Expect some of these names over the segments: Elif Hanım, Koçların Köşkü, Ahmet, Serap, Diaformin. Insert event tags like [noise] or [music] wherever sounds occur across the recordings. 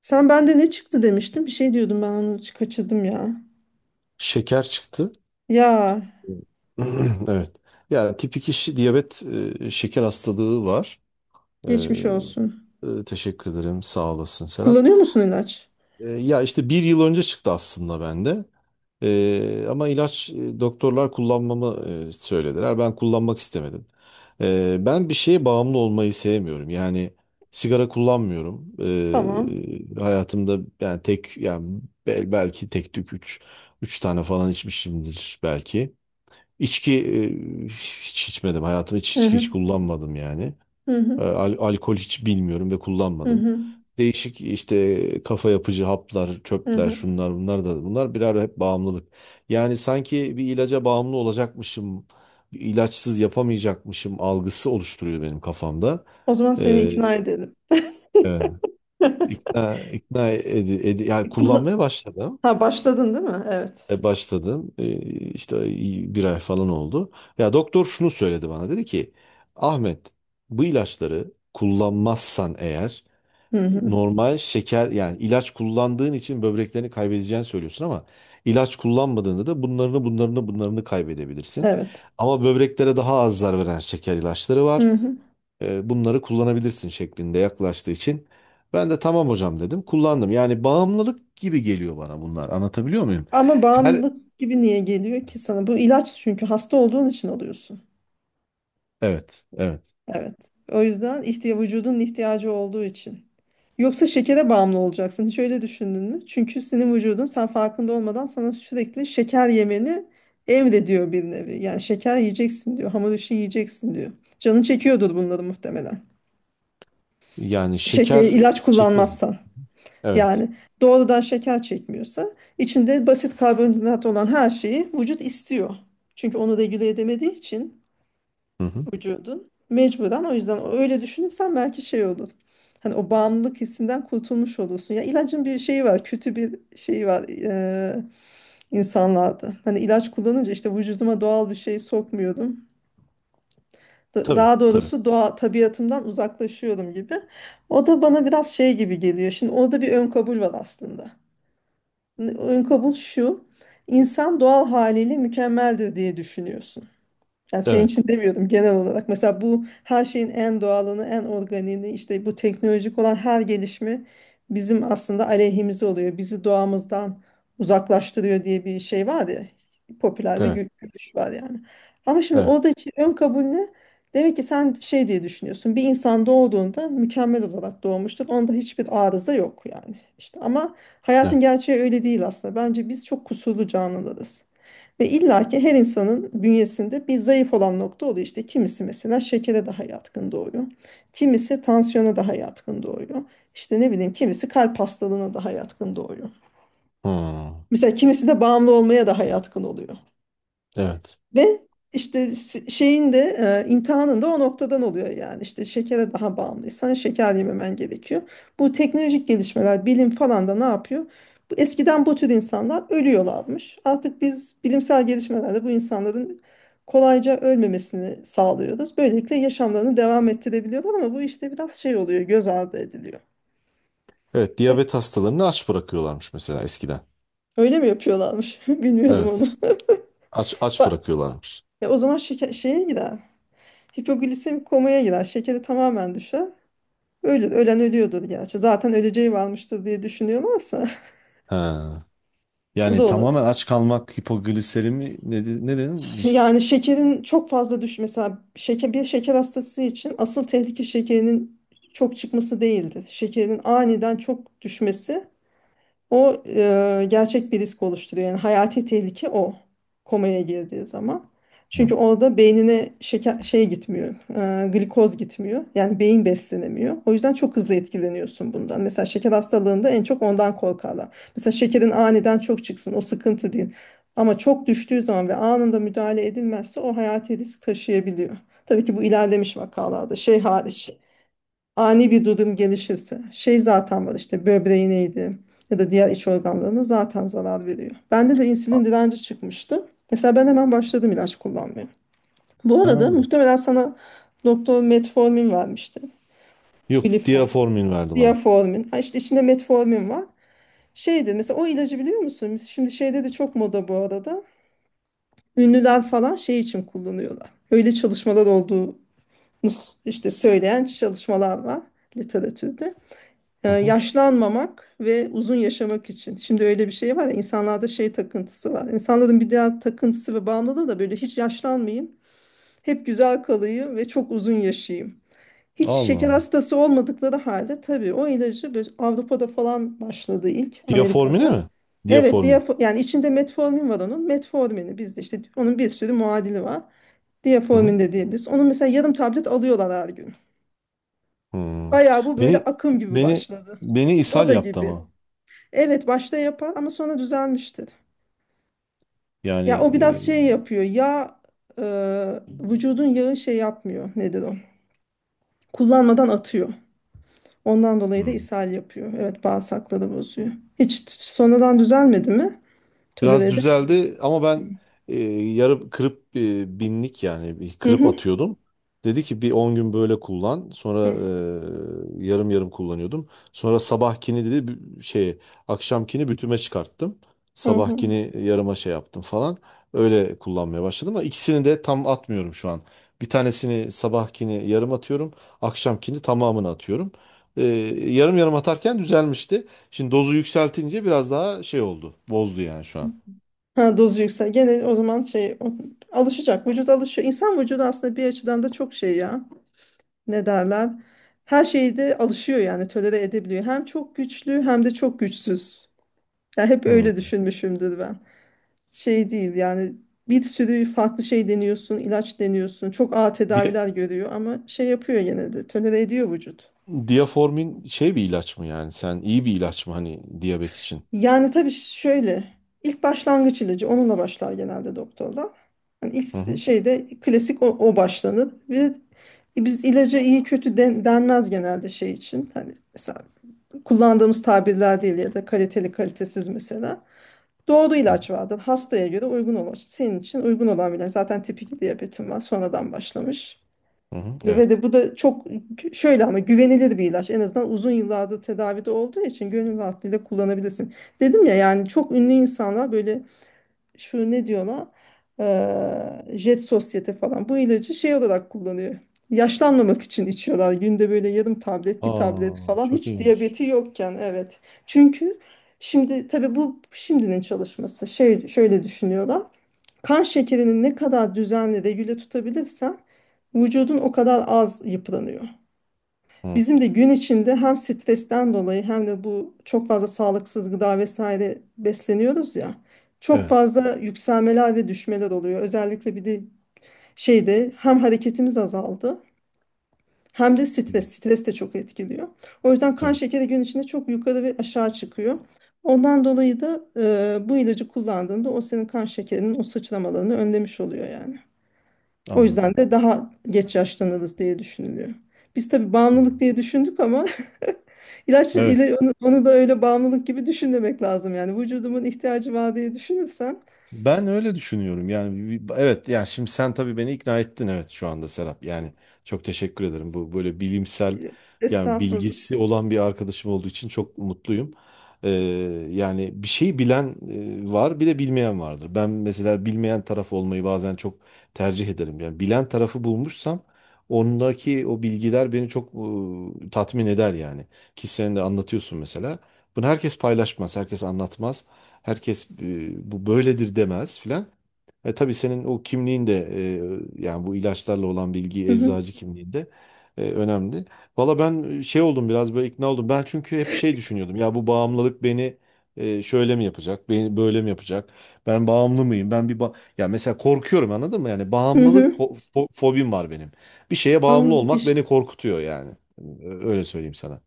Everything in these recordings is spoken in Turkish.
Sen bende ne çıktı demiştin? Bir şey diyordum ben onu kaçırdım ya. Şeker çıktı. [clears throat] Ya Evet. Yani tip 2 diyabet şeker hastalığı var. E, geçmiş olsun. Teşekkür ederim. Sağ olasın, Serap. Kullanıyor musun ilaç? Ya işte bir yıl önce çıktı aslında bende. Ama ilaç doktorlar kullanmamı söylediler. Ben kullanmak istemedim. Ben bir şeye bağımlı olmayı sevmiyorum. Yani sigara kullanmıyorum. Tamam. Hayatımda yani tek yani belki tek tük üç tane falan içmişimdir belki. İçki hiç içmedim. Hayatımda hiç Hı içki hı. hiç kullanmadım yani. Hı hı. Alkol hiç bilmiyorum ve Hı kullanmadım. hı. Değişik işte kafa yapıcı haplar, Hı çöpler, hı. şunlar bunlar da bunlar birer hep bağımlılık. Yani sanki bir ilaca bağımlı olacakmışım, bir ilaçsız yapamayacakmışım algısı oluşturuyor benim kafamda. O zaman seni E, ikna edelim. evet. [laughs] ikna ikna yani kullanmaya Kullan başladım. ha başladın değil mi? Evet. Başladım. İşte bir ay falan oldu. Ya doktor şunu söyledi bana. Dedi ki Ahmet, bu ilaçları kullanmazsan eğer Hı hı. normal şeker yani ilaç kullandığın için böbreklerini kaybedeceğini söylüyorsun ama ilaç kullanmadığında da bunlarını kaybedebilirsin. Evet. Ama böbreklere daha az zarar veren şeker ilaçları var. Hı hı. Bunları kullanabilirsin şeklinde yaklaştığı için ben de tamam hocam dedim. Kullandım. Yani bağımlılık gibi geliyor bana bunlar. Anlatabiliyor muyum? Ama Her bağımlılık gibi niye geliyor ki sana? Bu ilaç çünkü hasta olduğun için alıyorsun. Evet, evet. Evet. O yüzden vücudun ihtiyacı olduğu için. Yoksa şekere bağımlı olacaksın. Hiç öyle düşündün mü? Çünkü senin vücudun sen farkında olmadan sana sürekli şeker yemeni emrediyor bir nevi. Yani şeker yiyeceksin diyor. Hamur işi yiyeceksin diyor. Canın çekiyordur bunları muhtemelen. Yani şeker Şeker, ilaç çekiyor. kullanmazsan. Evet. Yani doğrudan şeker çekmiyorsa içinde basit karbonhidrat olan her şeyi vücut istiyor. Çünkü onu regüle edemediği için Hı hı. vücudun. Mecburen o yüzden öyle düşünürsen belki şey olur. Hani o bağımlılık hissinden kurtulmuş olursun. Ya ilacın bir şeyi var, kötü bir şeyi var insanlarda. Hani ilaç kullanınca işte vücuduma doğal bir şey sokmuyorum. Da- Tabii, Daha tabii. doğrusu tabiatımdan uzaklaşıyorum gibi. O da bana biraz şey gibi geliyor. Şimdi orada bir ön kabul var aslında. Ön kabul şu. İnsan doğal haliyle mükemmeldir diye düşünüyorsun. Yani senin için Evet, demiyordum, genel olarak. Mesela bu her şeyin en doğalını, en organiğini, işte bu teknolojik olan her gelişme bizim aslında aleyhimize oluyor. Bizi doğamızdan uzaklaştırıyor diye bir şey var ya. Popüler bir evet, görüş var yani. Ama şimdi evet, oradaki ön kabul ne? Demek ki sen şey diye düşünüyorsun. Bir insan doğduğunda mükemmel olarak doğmuştur. Onda hiçbir arıza yok yani. İşte ama hayatın evet. gerçeği öyle değil aslında. Bence biz çok kusurlu canlılarız. Ve illaki her insanın bünyesinde bir zayıf olan nokta oluyor. İşte kimisi mesela şekere daha yatkın doğuyor. Kimisi tansiyona daha yatkın doğuyor. İşte ne bileyim, kimisi kalp hastalığına daha yatkın doğuyor. Hmm. Mesela kimisi de bağımlı olmaya daha yatkın oluyor. Evet. Ve işte şeyin de imtihanın da o noktadan oluyor yani. İşte şekere daha bağımlıysan şeker yememen gerekiyor. Bu teknolojik gelişmeler, bilim falan da ne yapıyor? Bu, eskiden bu tür insanlar ölüyorlarmış. Artık biz bilimsel gelişmelerle bu insanların kolayca ölmemesini sağlıyoruz. Böylelikle yaşamlarını devam ettirebiliyorlar ama bu işte biraz şey oluyor, göz ardı ediliyor. Evet, Ö- diyabet hastalarını aç bırakıyorlarmış mesela eskiden. Öyle mi yapıyorlarmış? [laughs] Bilmiyordum onu. Evet. Aç [laughs] aç Bak, bırakıyorlarmış. O zaman şeye girer. Hipoglisemik komaya girer. Şekeri tamamen düşer. Öyle, ölen ölüyordur gerçi. Zaten öleceği varmıştır diye düşünüyorlarsa Ha. [laughs] o da Yani tamamen olabilir. aç kalmak hipogliserimi ne, ne dedin? Yani şekerin çok fazla düş mesela şeker, bir şeker hastası için asıl tehlike şekerinin çok çıkması değildir. Şekerin aniden çok düşmesi, gerçek bir risk oluşturuyor. Yani hayati tehlike o komaya girdiği zaman. Çünkü Hı. orada beynine şeker şey gitmiyor, glikoz gitmiyor. Yani beyin beslenemiyor. O yüzden çok hızlı etkileniyorsun bundan. Mesela şeker hastalığında en çok ondan korkarlar. Mesela şekerin aniden çok çıksın, o sıkıntı değil. Ama çok düştüğü zaman ve anında müdahale edilmezse o hayati risk taşıyabiliyor. Tabii ki bu ilerlemiş vakalarda şey hariç, ani bir durum gelişirse şey zaten var, işte böbreğineydi ya da diğer iç organlarına zaten zarar veriyor. Bende de insülin direnci çıkmıştı. Mesela ben hemen başladım ilaç kullanmaya. Bu Ha. arada muhtemelen sana doktor metformin vermişti. Yok, Glifor, diaformin verdi bana. diaformin. Ha, işte içinde metformin var. Şeydi mesela, o ilacı biliyor musun? Şimdi şeyde de çok moda bu arada. Ünlüler falan şey için kullanıyorlar. Öyle çalışmalar olduğunu, işte söyleyen çalışmalar var literatürde. Hı hı. Yaşlanmamak ve uzun yaşamak için. Şimdi öyle bir şey var ya, insanlarda şey takıntısı var. İnsanların bir diğer takıntısı ve bağımlılığı da böyle hiç yaşlanmayayım, hep güzel kalayım ve çok uzun yaşayayım. Hiç Allah şeker Allah. hastası olmadıkları halde, tabii o ilacı böyle Avrupa'da falan başladı, ilk Diaformine Amerika'da. mi? Evet, Diaformin. Yani içinde metformin var onun. Metformini bizde işte onun bir sürü muadili var. Hı hı. Diaformin de diyebiliriz. Onun mesela yarım tablet alıyorlar her gün. Hmm. Bayağı bu böyle Beni akım gibi beni başladı. beni ishal Moda yaptı gibi. ama. Evet, başta yapar ama sonra düzelmiştir. Yani Ya o biraz şey yapıyor. E, vücudun yağı şey yapmıyor. Nedir o? Kullanmadan atıyor. Ondan dolayı da Hı. ishal yapıyor. Evet, bağırsakları bozuyor. Hiç sonradan düzelmedi mi? Tolere Biraz edemedi. düzeldi ama ben yarı kırıp binlik yani bir Hı kırıp hı. atıyordum. Dedi ki bir 10 gün böyle kullan. Sonra Hı yarım yarım kullanıyordum. Sonra sabahkini dedi şey akşamkini bütüme çıkarttım. hı. Hı. Sabahkini yarıma şey yaptım falan. Öyle kullanmaya başladım ama ikisini de tam atmıyorum şu an. Bir tanesini sabahkini yarım atıyorum. Akşamkini tamamını atıyorum. E, Yarım yarım atarken düzelmişti. Şimdi dozu yükseltince biraz daha şey oldu. Bozdu yani şu an. Ha, dozu yüksel. Gene o zaman şey alışacak. Vücut alışıyor. İnsan vücudu aslında bir açıdan da çok şey ya. Ne derler? Her şeyde alışıyor yani, tolere edebiliyor. Hem çok güçlü hem de çok güçsüz. Ya hep öyle Hmm. düşünmüşümdür ben. Şey değil yani, bir sürü farklı şey deniyorsun, ilaç deniyorsun. Çok ağır Dia- tedaviler görüyor ama şey yapıyor, gene de tolere ediyor vücut. Diaformin şey bir ilaç mı yani? Sen iyi bir ilaç mı hani diyabet için? Yani tabii şöyle, ilk başlangıç ilacı onunla başlar genelde doktorlar. Yani Hı ilk hı. şeyde klasik o başlanır ve biz ilaca iyi kötü denmez genelde, şey için. Hani mesela kullandığımız tabirler değil ya da kaliteli kalitesiz mesela. Doğru Hı hı. ilaç verdin. Hastaya göre uygun olan. Senin için uygun olan bile. Zaten tip 2 diyabetin var. Sonradan başlamış. Hı. Evet. Ve de bu da çok şöyle ama güvenilir bir ilaç. En azından uzun yıllardır tedavide olduğu için gönül rahatlığıyla kullanabilirsin. Dedim ya, yani çok ünlü insanlar böyle, şu ne diyor ona, Jet Sosyete falan bu ilacı şey olarak kullanıyor. Yaşlanmamak için içiyorlar. Günde böyle yarım tablet, bir tablet Aa, falan, çok hiç ilginç. diyabeti yokken, evet. Çünkü şimdi tabii bu şimdinin çalışması. Şey, şöyle düşünüyorlar. Kan şekerini ne kadar düzenli regüle tutabilirsen, vücudun o kadar az yıpranıyor. Hı. Bizim de gün içinde hem stresten dolayı hem de bu çok fazla sağlıksız gıda vesaire besleniyoruz ya. Çok Evet. fazla yükselmeler ve düşmeler oluyor. Özellikle bir de şeyde hem hareketimiz azaldı hem de Hı. stres. Stres de çok etkiliyor. O yüzden kan Tamam. şekeri gün içinde çok yukarı ve aşağı çıkıyor. Ondan dolayı da bu ilacı kullandığında o senin kan şekerinin o sıçramalarını önlemiş oluyor yani. O yüzden Anladım. de daha geç yaşlanırız diye düşünülüyor. Biz tabii Hı. bağımlılık diye düşündük ama [laughs] İlaç Evet. ile onu da öyle bağımlılık gibi düşünmemek lazım yani. Vücudumun ihtiyacı var diye düşünürsen Ben öyle düşünüyorum. Yani evet yani şimdi sen tabii beni ikna ettin, evet, şu anda Serap. Yani çok teşekkür ederim. Bu böyle bilimsel e, yani Estağfurullah. bilgisi olan bir arkadaşım olduğu için çok mutluyum. Ee, Yani bir şeyi bilen var bir de bilmeyen vardır. Ben mesela bilmeyen taraf olmayı bazen çok tercih ederim. Yani bilen tarafı bulmuşsam ondaki o bilgiler beni çok tatmin eder yani. Ki sen de anlatıyorsun mesela. Bunu herkes paylaşmaz, herkes anlatmaz. Herkes bu böyledir demez filan. Tabii senin o kimliğin de yani bu ilaçlarla olan bilgi Hı hı. eczacı kimliğinde önemli. Valla ben şey oldum biraz böyle ikna oldum. Ben çünkü hep şey düşünüyordum. Ya bu bağımlılık beni şöyle mi yapacak? Beni böyle mi yapacak? Ben bağımlı mıyım? Ben bir ya mesela korkuyorum, anladın mı? Yani Hı bağımlılık hı. Fobim var benim. Bir şeye bağımlı Anladım. Bir olmak şey beni korkutuyor yani. Öyle söyleyeyim sana.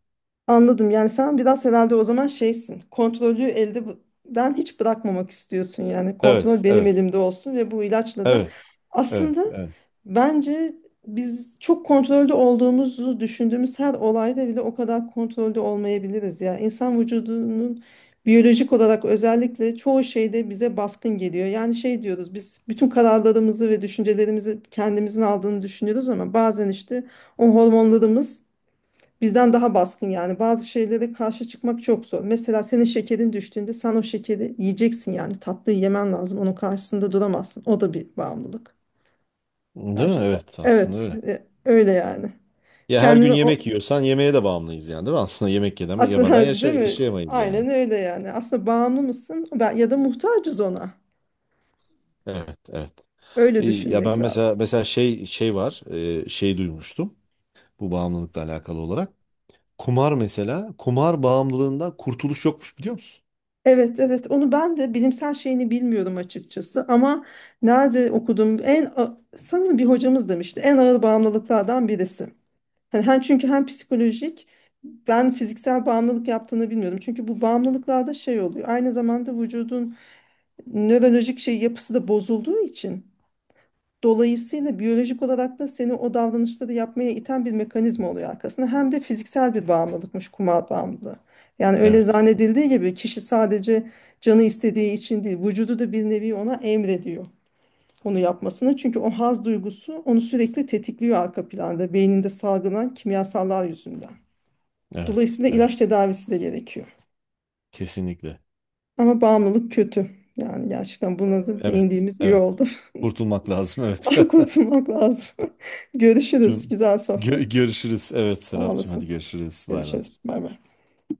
Anladım. Yani sen biraz herhalde o zaman şeysin. Kontrolü elden hiç bırakmamak istiyorsun. Yani Evet, kontrol benim evet. elimde olsun ve bu ilaçla da Evet. Evet. aslında Evet. bence biz, çok kontrolde olduğumuzu düşündüğümüz her olayda bile o kadar kontrolde olmayabiliriz ya. İnsan vücudunun biyolojik olarak özellikle çoğu şeyde bize baskın geliyor. Yani şey diyoruz, biz bütün kararlarımızı ve düşüncelerimizi kendimizin aldığını düşünüyoruz ama bazen işte o hormonlarımız bizden daha baskın. Yani bazı şeylere karşı çıkmak çok zor. Mesela senin şekerin düştüğünde sen o şekeri yiyeceksin yani, tatlıyı yemen lazım. Onun karşısında duramazsın. O da bir bağımlılık. Değil mi? Belki de o. Evet. Aslında Evet, öyle. Öyle yani. Ya her gün Kendini o yemek yiyorsan yemeğe de bağımlıyız yani, değil mi? Aslında yemek yedem, yemeden aslında [laughs] değil mi? yaşayamayız yani. Aynen öyle yani. Aslında bağımlı mısın? Ya da muhtacız ona. Evet. Evet. Öyle Ya düşünmek ben mesela lazım. mesela şey var. Şey duymuştum. Bu bağımlılıkla alakalı olarak. Kumar mesela. Kumar bağımlılığından kurtuluş yokmuş, biliyor musun? Evet, evet, onu ben de bilimsel şeyini bilmiyorum açıkçası ama nerede okudum, sanırım bir hocamız demişti, en ağır bağımlılıklardan birisi. Hani hem çünkü hem psikolojik, ben fiziksel bağımlılık yaptığını bilmiyordum. Çünkü bu bağımlılıklarda şey oluyor. Aynı zamanda vücudun nörolojik şey yapısı da bozulduğu için dolayısıyla biyolojik olarak da seni o davranışları yapmaya iten bir mekanizma oluyor arkasında. Hem de fiziksel bir bağımlılıkmış kumar bağımlılığı. Yani öyle Evet. zannedildiği gibi kişi sadece canı istediği için değil, vücudu da bir nevi ona emrediyor onu yapmasını. Çünkü o haz duygusu onu sürekli tetikliyor arka planda, beyninde salgılanan kimyasallar yüzünden. Evet. Dolayısıyla ilaç Evet. tedavisi de gerekiyor. Kesinlikle. Ama bağımlılık kötü. Yani gerçekten buna da Evet. değindiğimiz iyi Evet. oldu. Kurtulmak lazım. [laughs] Evet. Ay, [laughs] kurtulmak lazım. [laughs] Görüşürüz. Tüm Güzel sohbetti. Görüşürüz. Evet Sağ Serapcığım, hadi olasın. görüşürüz. Bay bay. Görüşürüz. Bay bay.